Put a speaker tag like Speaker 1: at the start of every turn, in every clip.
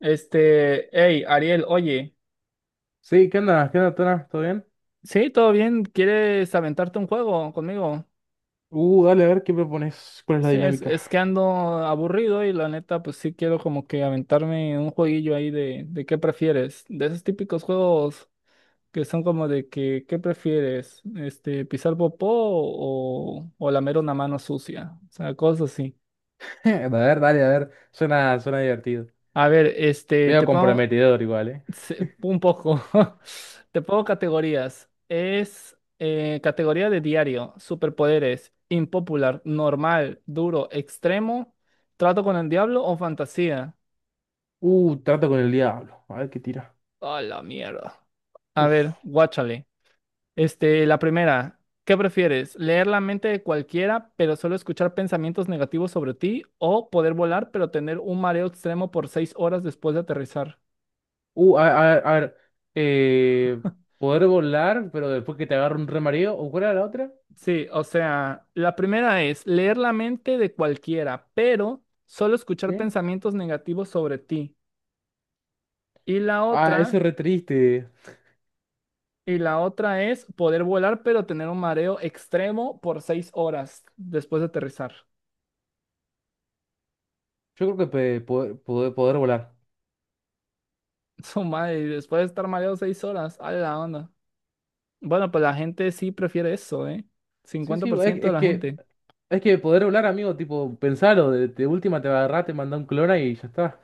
Speaker 1: Hey, Ariel, oye,
Speaker 2: Sí, ¿qué onda? ¿Qué onda, Tona? ¿Todo bien?
Speaker 1: sí, todo bien. ¿Quieres aventarte un juego conmigo?
Speaker 2: Dale, a ver qué propones. ¿Cuál es la
Speaker 1: Sí, es,
Speaker 2: dinámica?
Speaker 1: es que ando aburrido y la neta, pues sí quiero como que aventarme un jueguillo ahí de qué prefieres, de esos típicos juegos que son como de que, ¿qué prefieres? Pisar popó o lamer una mano sucia, o sea, cosas así.
Speaker 2: A ver, dale, a ver. Suena divertido.
Speaker 1: A ver,
Speaker 2: Medio
Speaker 1: te pongo.
Speaker 2: comprometedor igual, ¿eh?
Speaker 1: Sí, un poco. Te pongo categorías. Es categoría de diario, superpoderes, impopular, normal, duro, extremo, trato con el diablo o fantasía.
Speaker 2: Trato con el diablo. A ver qué tira.
Speaker 1: A la mierda. A
Speaker 2: Uf.
Speaker 1: ver, guáchale. La primera, ¿qué prefieres? ¿Leer la mente de cualquiera, pero solo escuchar pensamientos negativos sobre ti? ¿O poder volar, pero tener un mareo extremo por 6 horas después de aterrizar?
Speaker 2: Uh, a, a ver. Eh, Poder volar, pero después que te agarre un remareo. ¿O cuál era la otra?
Speaker 1: Sí, o sea, la primera es leer la mente de cualquiera, pero solo escuchar
Speaker 2: ¿Sí?
Speaker 1: pensamientos negativos sobre ti. Y la
Speaker 2: Ah, ese
Speaker 1: otra,
Speaker 2: es re triste.
Speaker 1: y la otra es poder volar, pero tener un mareo extremo por seis horas después de aterrizar.
Speaker 2: Yo creo que poder volar.
Speaker 1: Su madre, y después de estar mareado 6 horas, a la onda. Bueno, pues la gente sí prefiere eso, ¿eh?
Speaker 2: Sí,
Speaker 1: Cincuenta
Speaker 2: sí,
Speaker 1: por ciento de
Speaker 2: es
Speaker 1: la
Speaker 2: que.
Speaker 1: gente.
Speaker 2: Es que poder volar, amigo, tipo, pensalo, de última te va a agarrar, te manda un clona y ya está.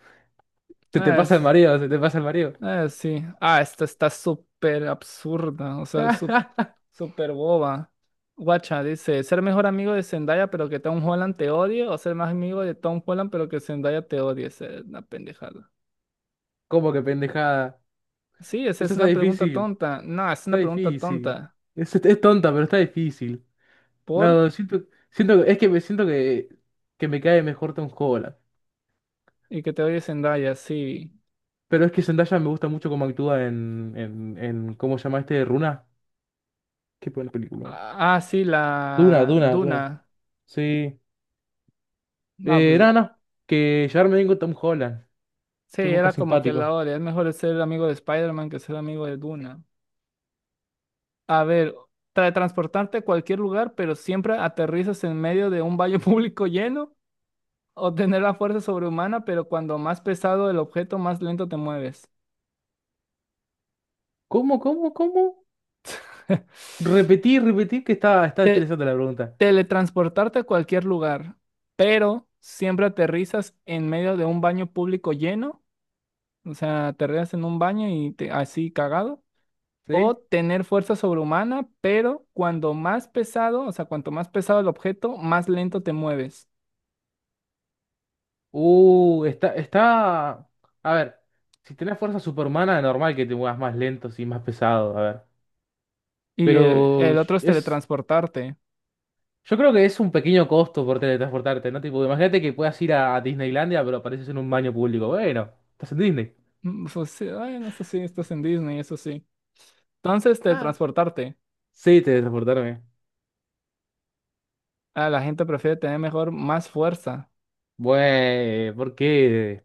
Speaker 2: Se te
Speaker 1: Ah,
Speaker 2: pasa el mareo, se te pasa el mareo.
Speaker 1: ah, sí. Ah, esta está súper absurda, o sea, súper boba. Guacha dice, ser mejor amigo de Zendaya pero que Tom Holland te odie o ser más amigo de Tom Holland pero que Zendaya te odie. Esa es una pendejada.
Speaker 2: ¿Cómo que pendejada?
Speaker 1: Sí, esa
Speaker 2: Eso
Speaker 1: es
Speaker 2: está
Speaker 1: una pregunta
Speaker 2: difícil.
Speaker 1: tonta. No, es una
Speaker 2: Está
Speaker 1: pregunta
Speaker 2: difícil.
Speaker 1: tonta.
Speaker 2: Es tonta, pero está difícil.
Speaker 1: ¿Por?
Speaker 2: No, siento, siento, es que me siento que me cae mejor Tom Holland.
Speaker 1: Y que te odie Zendaya, sí.
Speaker 2: Pero es que Zendaya me gusta mucho cómo actúa en ¿cómo se llama este? Runa. Qué buena película.
Speaker 1: Ah, ah, sí,
Speaker 2: Duna,
Speaker 1: la
Speaker 2: Duna, Duna.
Speaker 1: Duna.
Speaker 2: Sí.
Speaker 1: No, pues
Speaker 2: No, no. Que llevarme bien con Tom Holland.
Speaker 1: sí,
Speaker 2: Yo nunca
Speaker 1: era como que la
Speaker 2: simpático.
Speaker 1: odia. Es mejor ser amigo de Spider-Man que ser amigo de Duna. A ver, transportarte a cualquier lugar pero siempre aterrizas en medio de un baño público lleno. O tener la fuerza sobrehumana, pero cuando más pesado el objeto, más lento te mueves.
Speaker 2: ¿Cómo, cómo, cómo? Repetí, repetí que está
Speaker 1: Te-
Speaker 2: interesante la pregunta.
Speaker 1: Teletransportarte a cualquier lugar, pero siempre aterrizas en medio de un baño público lleno, o sea, aterrizas en un baño y te- así cagado.
Speaker 2: ¿Sí?
Speaker 1: O tener fuerza sobrehumana, pero cuando más pesado, o sea, cuanto más pesado el objeto, más lento te mueves.
Speaker 2: Está. A ver, si tenés fuerza superhumana, es normal que te muevas más lento y más pesado, a ver.
Speaker 1: Y el,
Speaker 2: Pero
Speaker 1: el otro es
Speaker 2: es.
Speaker 1: teletransportarte.
Speaker 2: Yo creo que es un pequeño costo por teletransportarte, ¿no? Tipo, imagínate que puedas ir a Disneylandia, pero apareces en un baño público. Bueno, estás en Disney.
Speaker 1: Pues, sí, bueno, eso sí, estás en Disney, eso sí. Entonces,
Speaker 2: Ah,
Speaker 1: teletransportarte.
Speaker 2: sí, teletransportarme.
Speaker 1: Ah, la gente prefiere tener mejor, más fuerza.
Speaker 2: Bueno, ¿por qué?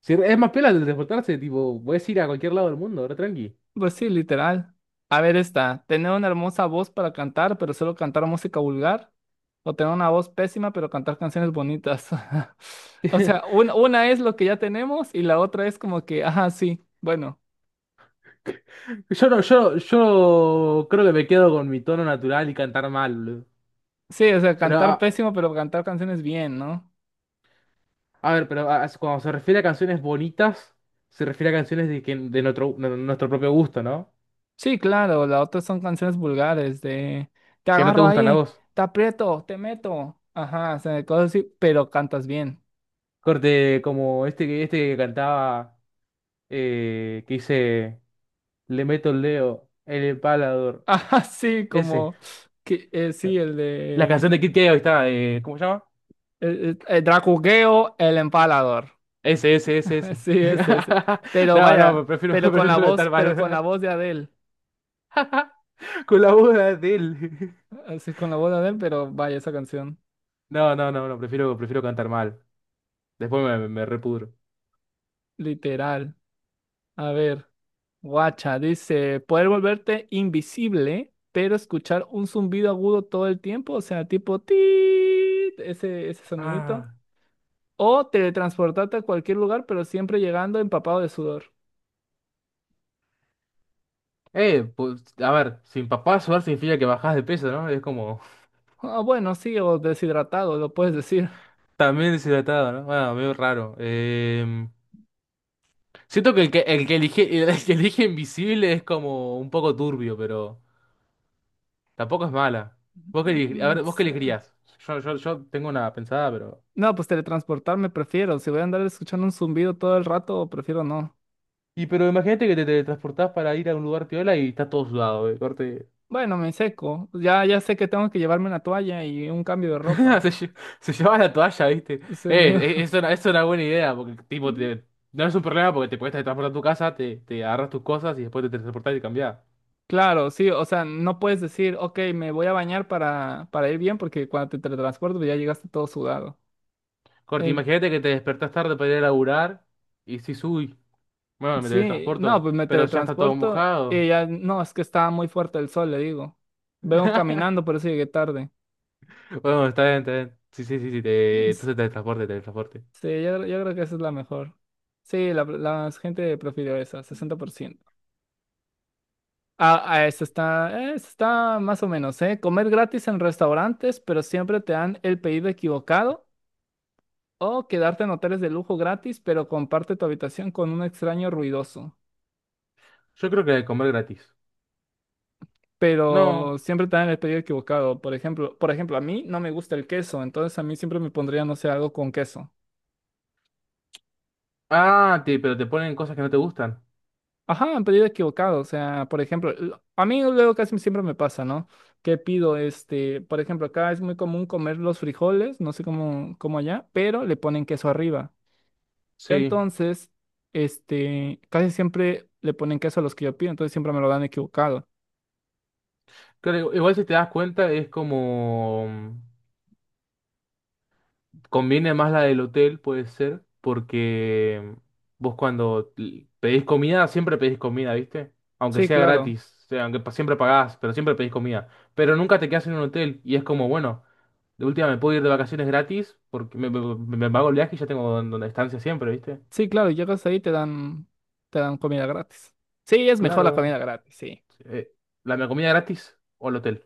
Speaker 2: Si es más piola teletransportarse, tipo, puedes ir a cualquier lado del mundo, ahora tranqui.
Speaker 1: Pues sí, literal. A ver esta, tener una hermosa voz para cantar, pero solo cantar música vulgar, o tener una voz pésima, pero cantar canciones bonitas. O sea, una es lo que ya tenemos y la otra es como que, ajá, sí, bueno.
Speaker 2: Yo no, yo creo que me quedo con mi tono natural y cantar mal, boludo.
Speaker 1: Sí, o sea,
Speaker 2: Pero, a,
Speaker 1: cantar pésimo, pero cantar canciones bien, ¿no?
Speaker 2: a ver, pero a- cuando se refiere a canciones bonitas, se refiere a canciones de nuestro propio gusto, ¿no?
Speaker 1: Sí, claro, la otra son canciones vulgares de te
Speaker 2: Que no te
Speaker 1: agarro
Speaker 2: gustan a
Speaker 1: ahí,
Speaker 2: vos.
Speaker 1: te aprieto, te meto, ajá, o sea, cosas así, pero cantas bien.
Speaker 2: Corte como este que cantaba, que dice, le meto el dedo, en el palador.
Speaker 1: Ajá, sí,
Speaker 2: Ese.
Speaker 1: como que sí, el
Speaker 2: La
Speaker 1: de
Speaker 2: canción de Kid Keo está, ¿cómo se llama?
Speaker 1: el Dracugueo, el empalador.
Speaker 2: Ese, ese, ese, ese.
Speaker 1: Sí, ese, ese. Pero
Speaker 2: No, no,
Speaker 1: vaya,
Speaker 2: prefiero,
Speaker 1: pero con la
Speaker 2: prefiero
Speaker 1: voz,
Speaker 2: cantar
Speaker 1: pero con la
Speaker 2: mal.
Speaker 1: voz de Adele.
Speaker 2: Con la voz de él.
Speaker 1: Así con la voz de Adele, pero vaya esa canción.
Speaker 2: No, no, no, no, prefiero, prefiero cantar mal. Después me, me repudro.
Speaker 1: Literal. A ver, guacha, dice, poder volverte invisible, pero escuchar un zumbido agudo todo el tiempo, o sea, tipo ese, sonidito.
Speaker 2: Ah.
Speaker 1: O teletransportarte a cualquier lugar, pero siempre llegando empapado de sudor.
Speaker 2: Pues, a ver, sin papá sudar significa que bajás de peso, ¿no? Es como
Speaker 1: Ah, bueno, sí, o deshidratado, lo puedes decir.
Speaker 2: también deshidratado, ¿no? Bueno, medio raro. Siento que el que, el que elige, el que elige invisible es como un poco turbio, pero tampoco es mala. Vos que, elige- a
Speaker 1: Mm,
Speaker 2: ver, vos qué
Speaker 1: se-
Speaker 2: elegirías. Yo tengo una pensada, pero.
Speaker 1: No, pues teletransportarme prefiero. Si voy a andar escuchando un zumbido todo el rato, prefiero no.
Speaker 2: Y pero imagínate que te transportás para ir a un lugar piola y estás todo sudado, corte.
Speaker 1: Bueno, me seco. Ya, ya sé que tengo que llevarme una toalla y un cambio de ropa.
Speaker 2: Se, lle- se llevaba la toalla, ¿viste?
Speaker 1: Se me-
Speaker 2: Eso es una buena idea, porque tipo, te- no es un problema porque te puedes transportar a tu casa, te agarras tus cosas y después te transportás y cambiás.
Speaker 1: Claro, sí, o sea, no puedes decir, ok, me voy a bañar para ir bien, porque cuando te teletransporto pues ya llegaste todo sudado.
Speaker 2: Corti,
Speaker 1: En-
Speaker 2: imagínate que te despertás tarde para ir a laburar y decís, uy, bueno, me
Speaker 1: Sí, no,
Speaker 2: teletransporto,
Speaker 1: pues me
Speaker 2: pero ya está todo
Speaker 1: teletransporto y
Speaker 2: mojado.
Speaker 1: ya, no, es que estaba muy fuerte el sol, le digo. Vengo caminando, por eso llegué tarde.
Speaker 2: Bueno, está bien, está bien. Sí, sí, sí, sí, te... entonces teletransporte, teletransporte.
Speaker 1: Sí, yo creo que esa es la mejor. Sí, la gente prefirió esa, 60%. Ah, ah, eso está, esa está más o menos, ¿eh? Comer gratis en restaurantes, pero siempre te dan el pedido equivocado. O quedarte en hoteles de lujo gratis, pero comparte tu habitación con un extraño ruidoso.
Speaker 2: Yo creo que comer gratis. No.
Speaker 1: Pero siempre te dan el pedido equivocado. Por ejemplo, a mí no me gusta el queso, entonces a mí siempre me pondría, no sé, algo con queso.
Speaker 2: Ah, te, pero te ponen cosas que no te gustan.
Speaker 1: Ajá, han pedido equivocado. O sea, por ejemplo, a mí luego casi siempre me pasa, ¿no? Que pido, por ejemplo, acá es muy común comer los frijoles, no sé cómo, cómo allá, pero le ponen queso arriba.
Speaker 2: Sí.
Speaker 1: Entonces, casi siempre le ponen queso a los que yo pido, entonces siempre me lo dan equivocado.
Speaker 2: Claro, igual si te das cuenta es como... Conviene más la del hotel, puede ser, porque vos cuando l- pedís comida, siempre pedís comida, ¿viste? Aunque
Speaker 1: Sí,
Speaker 2: sea
Speaker 1: claro.
Speaker 2: gratis, o sea, aunque pa- siempre pagás, pero siempre pedís comida. Pero nunca te quedás en un hotel y es como, bueno, de última me puedo ir de vacaciones gratis porque me- me- me pago el viaje y ya tengo don- donde estancia siempre, ¿viste?
Speaker 1: Sí, claro, y llegas ahí y te dan comida gratis. Sí, es mejor la
Speaker 2: Claro.
Speaker 1: comida gratis, sí.
Speaker 2: Sí, ¿la comida gratis o el hotel?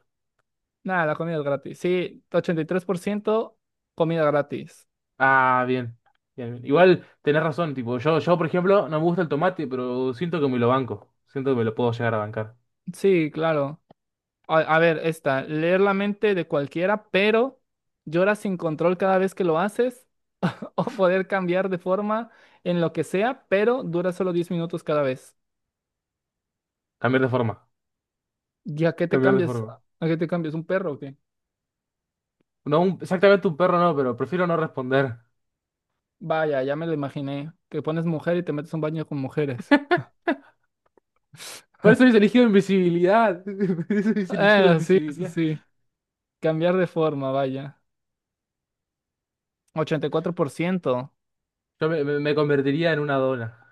Speaker 1: Nada, la comida es gratis. Sí, 83% comida gratis.
Speaker 2: Ah, bien. Bien, bien. Igual tenés razón, tipo, yo por ejemplo no me gusta el tomate, pero siento que me lo banco, siento que me lo puedo llegar a bancar.
Speaker 1: Sí, claro. A ver, esta, leer la mente de cualquiera, pero lloras sin control cada vez que lo haces, o poder cambiar de forma en lo que sea, pero dura solo 10 minutos cada vez.
Speaker 2: Cambiar de forma.
Speaker 1: ¿Y a qué te
Speaker 2: Cambiar de
Speaker 1: cambias?
Speaker 2: forma.
Speaker 1: ¿A qué te cambias? ¿Un perro o qué?
Speaker 2: No, un- exactamente un perro no, pero prefiero no responder.
Speaker 1: Vaya, ya me lo imaginé. Que pones mujer y te metes a un baño con mujeres.
Speaker 2: Por eso hubiese elegido invisibilidad. Por eso hubiese elegido
Speaker 1: Bueno, sí, eso
Speaker 2: invisibilidad.
Speaker 1: sí. Cambiar de forma, vaya. 84%.
Speaker 2: Yo me, me- me convertiría en una dona.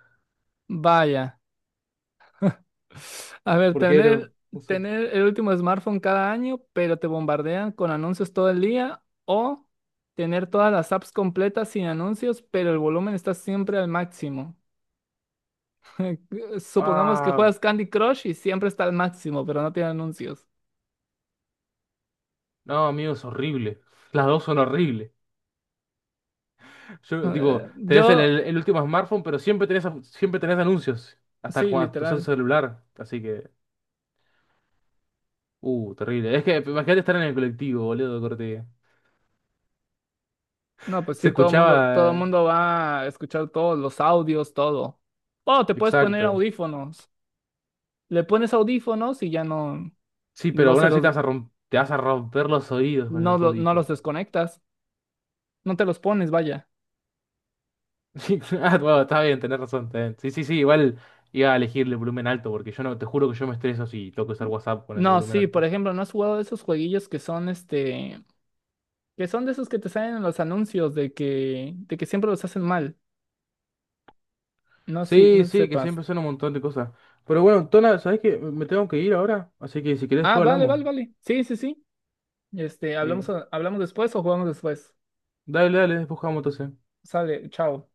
Speaker 1: Vaya. A ver,
Speaker 2: ¿Por qué
Speaker 1: tener,
Speaker 2: no? No sé.
Speaker 1: tener el último smartphone cada año, pero te bombardean con anuncios todo el día, o tener todas las apps completas sin anuncios, pero el volumen está siempre al máximo. Supongamos que
Speaker 2: Ah,
Speaker 1: juegas Candy Crush y siempre está al máximo, pero no tiene anuncios.
Speaker 2: no, amigo, es horrible. Las dos son horribles. Yo, tipo,
Speaker 1: Eh,
Speaker 2: tenés
Speaker 1: yo,
Speaker 2: el último smartphone, pero siempre tenés anuncios. Hasta
Speaker 1: sí,
Speaker 2: cuando sos el
Speaker 1: literal.
Speaker 2: celular. Así que, terrible. Es que imagínate estar en el colectivo, boludo, corte.
Speaker 1: No, pues
Speaker 2: Se
Speaker 1: sí, todo
Speaker 2: escuchaba.
Speaker 1: el mundo va a escuchar todos los audios, todo. O te puedes poner
Speaker 2: Exacto.
Speaker 1: audífonos. Le pones audífonos y ya no,
Speaker 2: Sí, pero
Speaker 1: no
Speaker 2: aún
Speaker 1: se
Speaker 2: así te
Speaker 1: los,
Speaker 2: vas a romper, te vas a romper los oídos con
Speaker 1: no,
Speaker 2: los
Speaker 1: no los
Speaker 2: audífonos.
Speaker 1: desconectas, no te los pones, vaya.
Speaker 2: Sí, ah, bueno, está bien, tenés razón, tenés- Sí, sí, sí, igual iba a elegir el volumen alto, porque yo no, te juro que yo me estreso si toco usar WhatsApp con el
Speaker 1: No,
Speaker 2: volumen
Speaker 1: sí, por
Speaker 2: alto.
Speaker 1: ejemplo, ¿no has jugado de esos jueguillos que son que son de esos que te salen en los anuncios de que siempre los hacen mal? No, si, no
Speaker 2: Sí,
Speaker 1: sé si
Speaker 2: sí, que
Speaker 1: sepas.
Speaker 2: siempre son un montón de cosas. Pero bueno, Tona, ¿sabés qué? Me tengo que ir ahora, así que si querés
Speaker 1: Ah,
Speaker 2: después
Speaker 1: vale,
Speaker 2: hablamos.
Speaker 1: vale, vale. Sí, sí, sí. Este,
Speaker 2: Eh,
Speaker 1: hablamos, hablamos después o jugamos después.
Speaker 2: Dale, dale, después jugamos entonces.
Speaker 1: Sale, chao.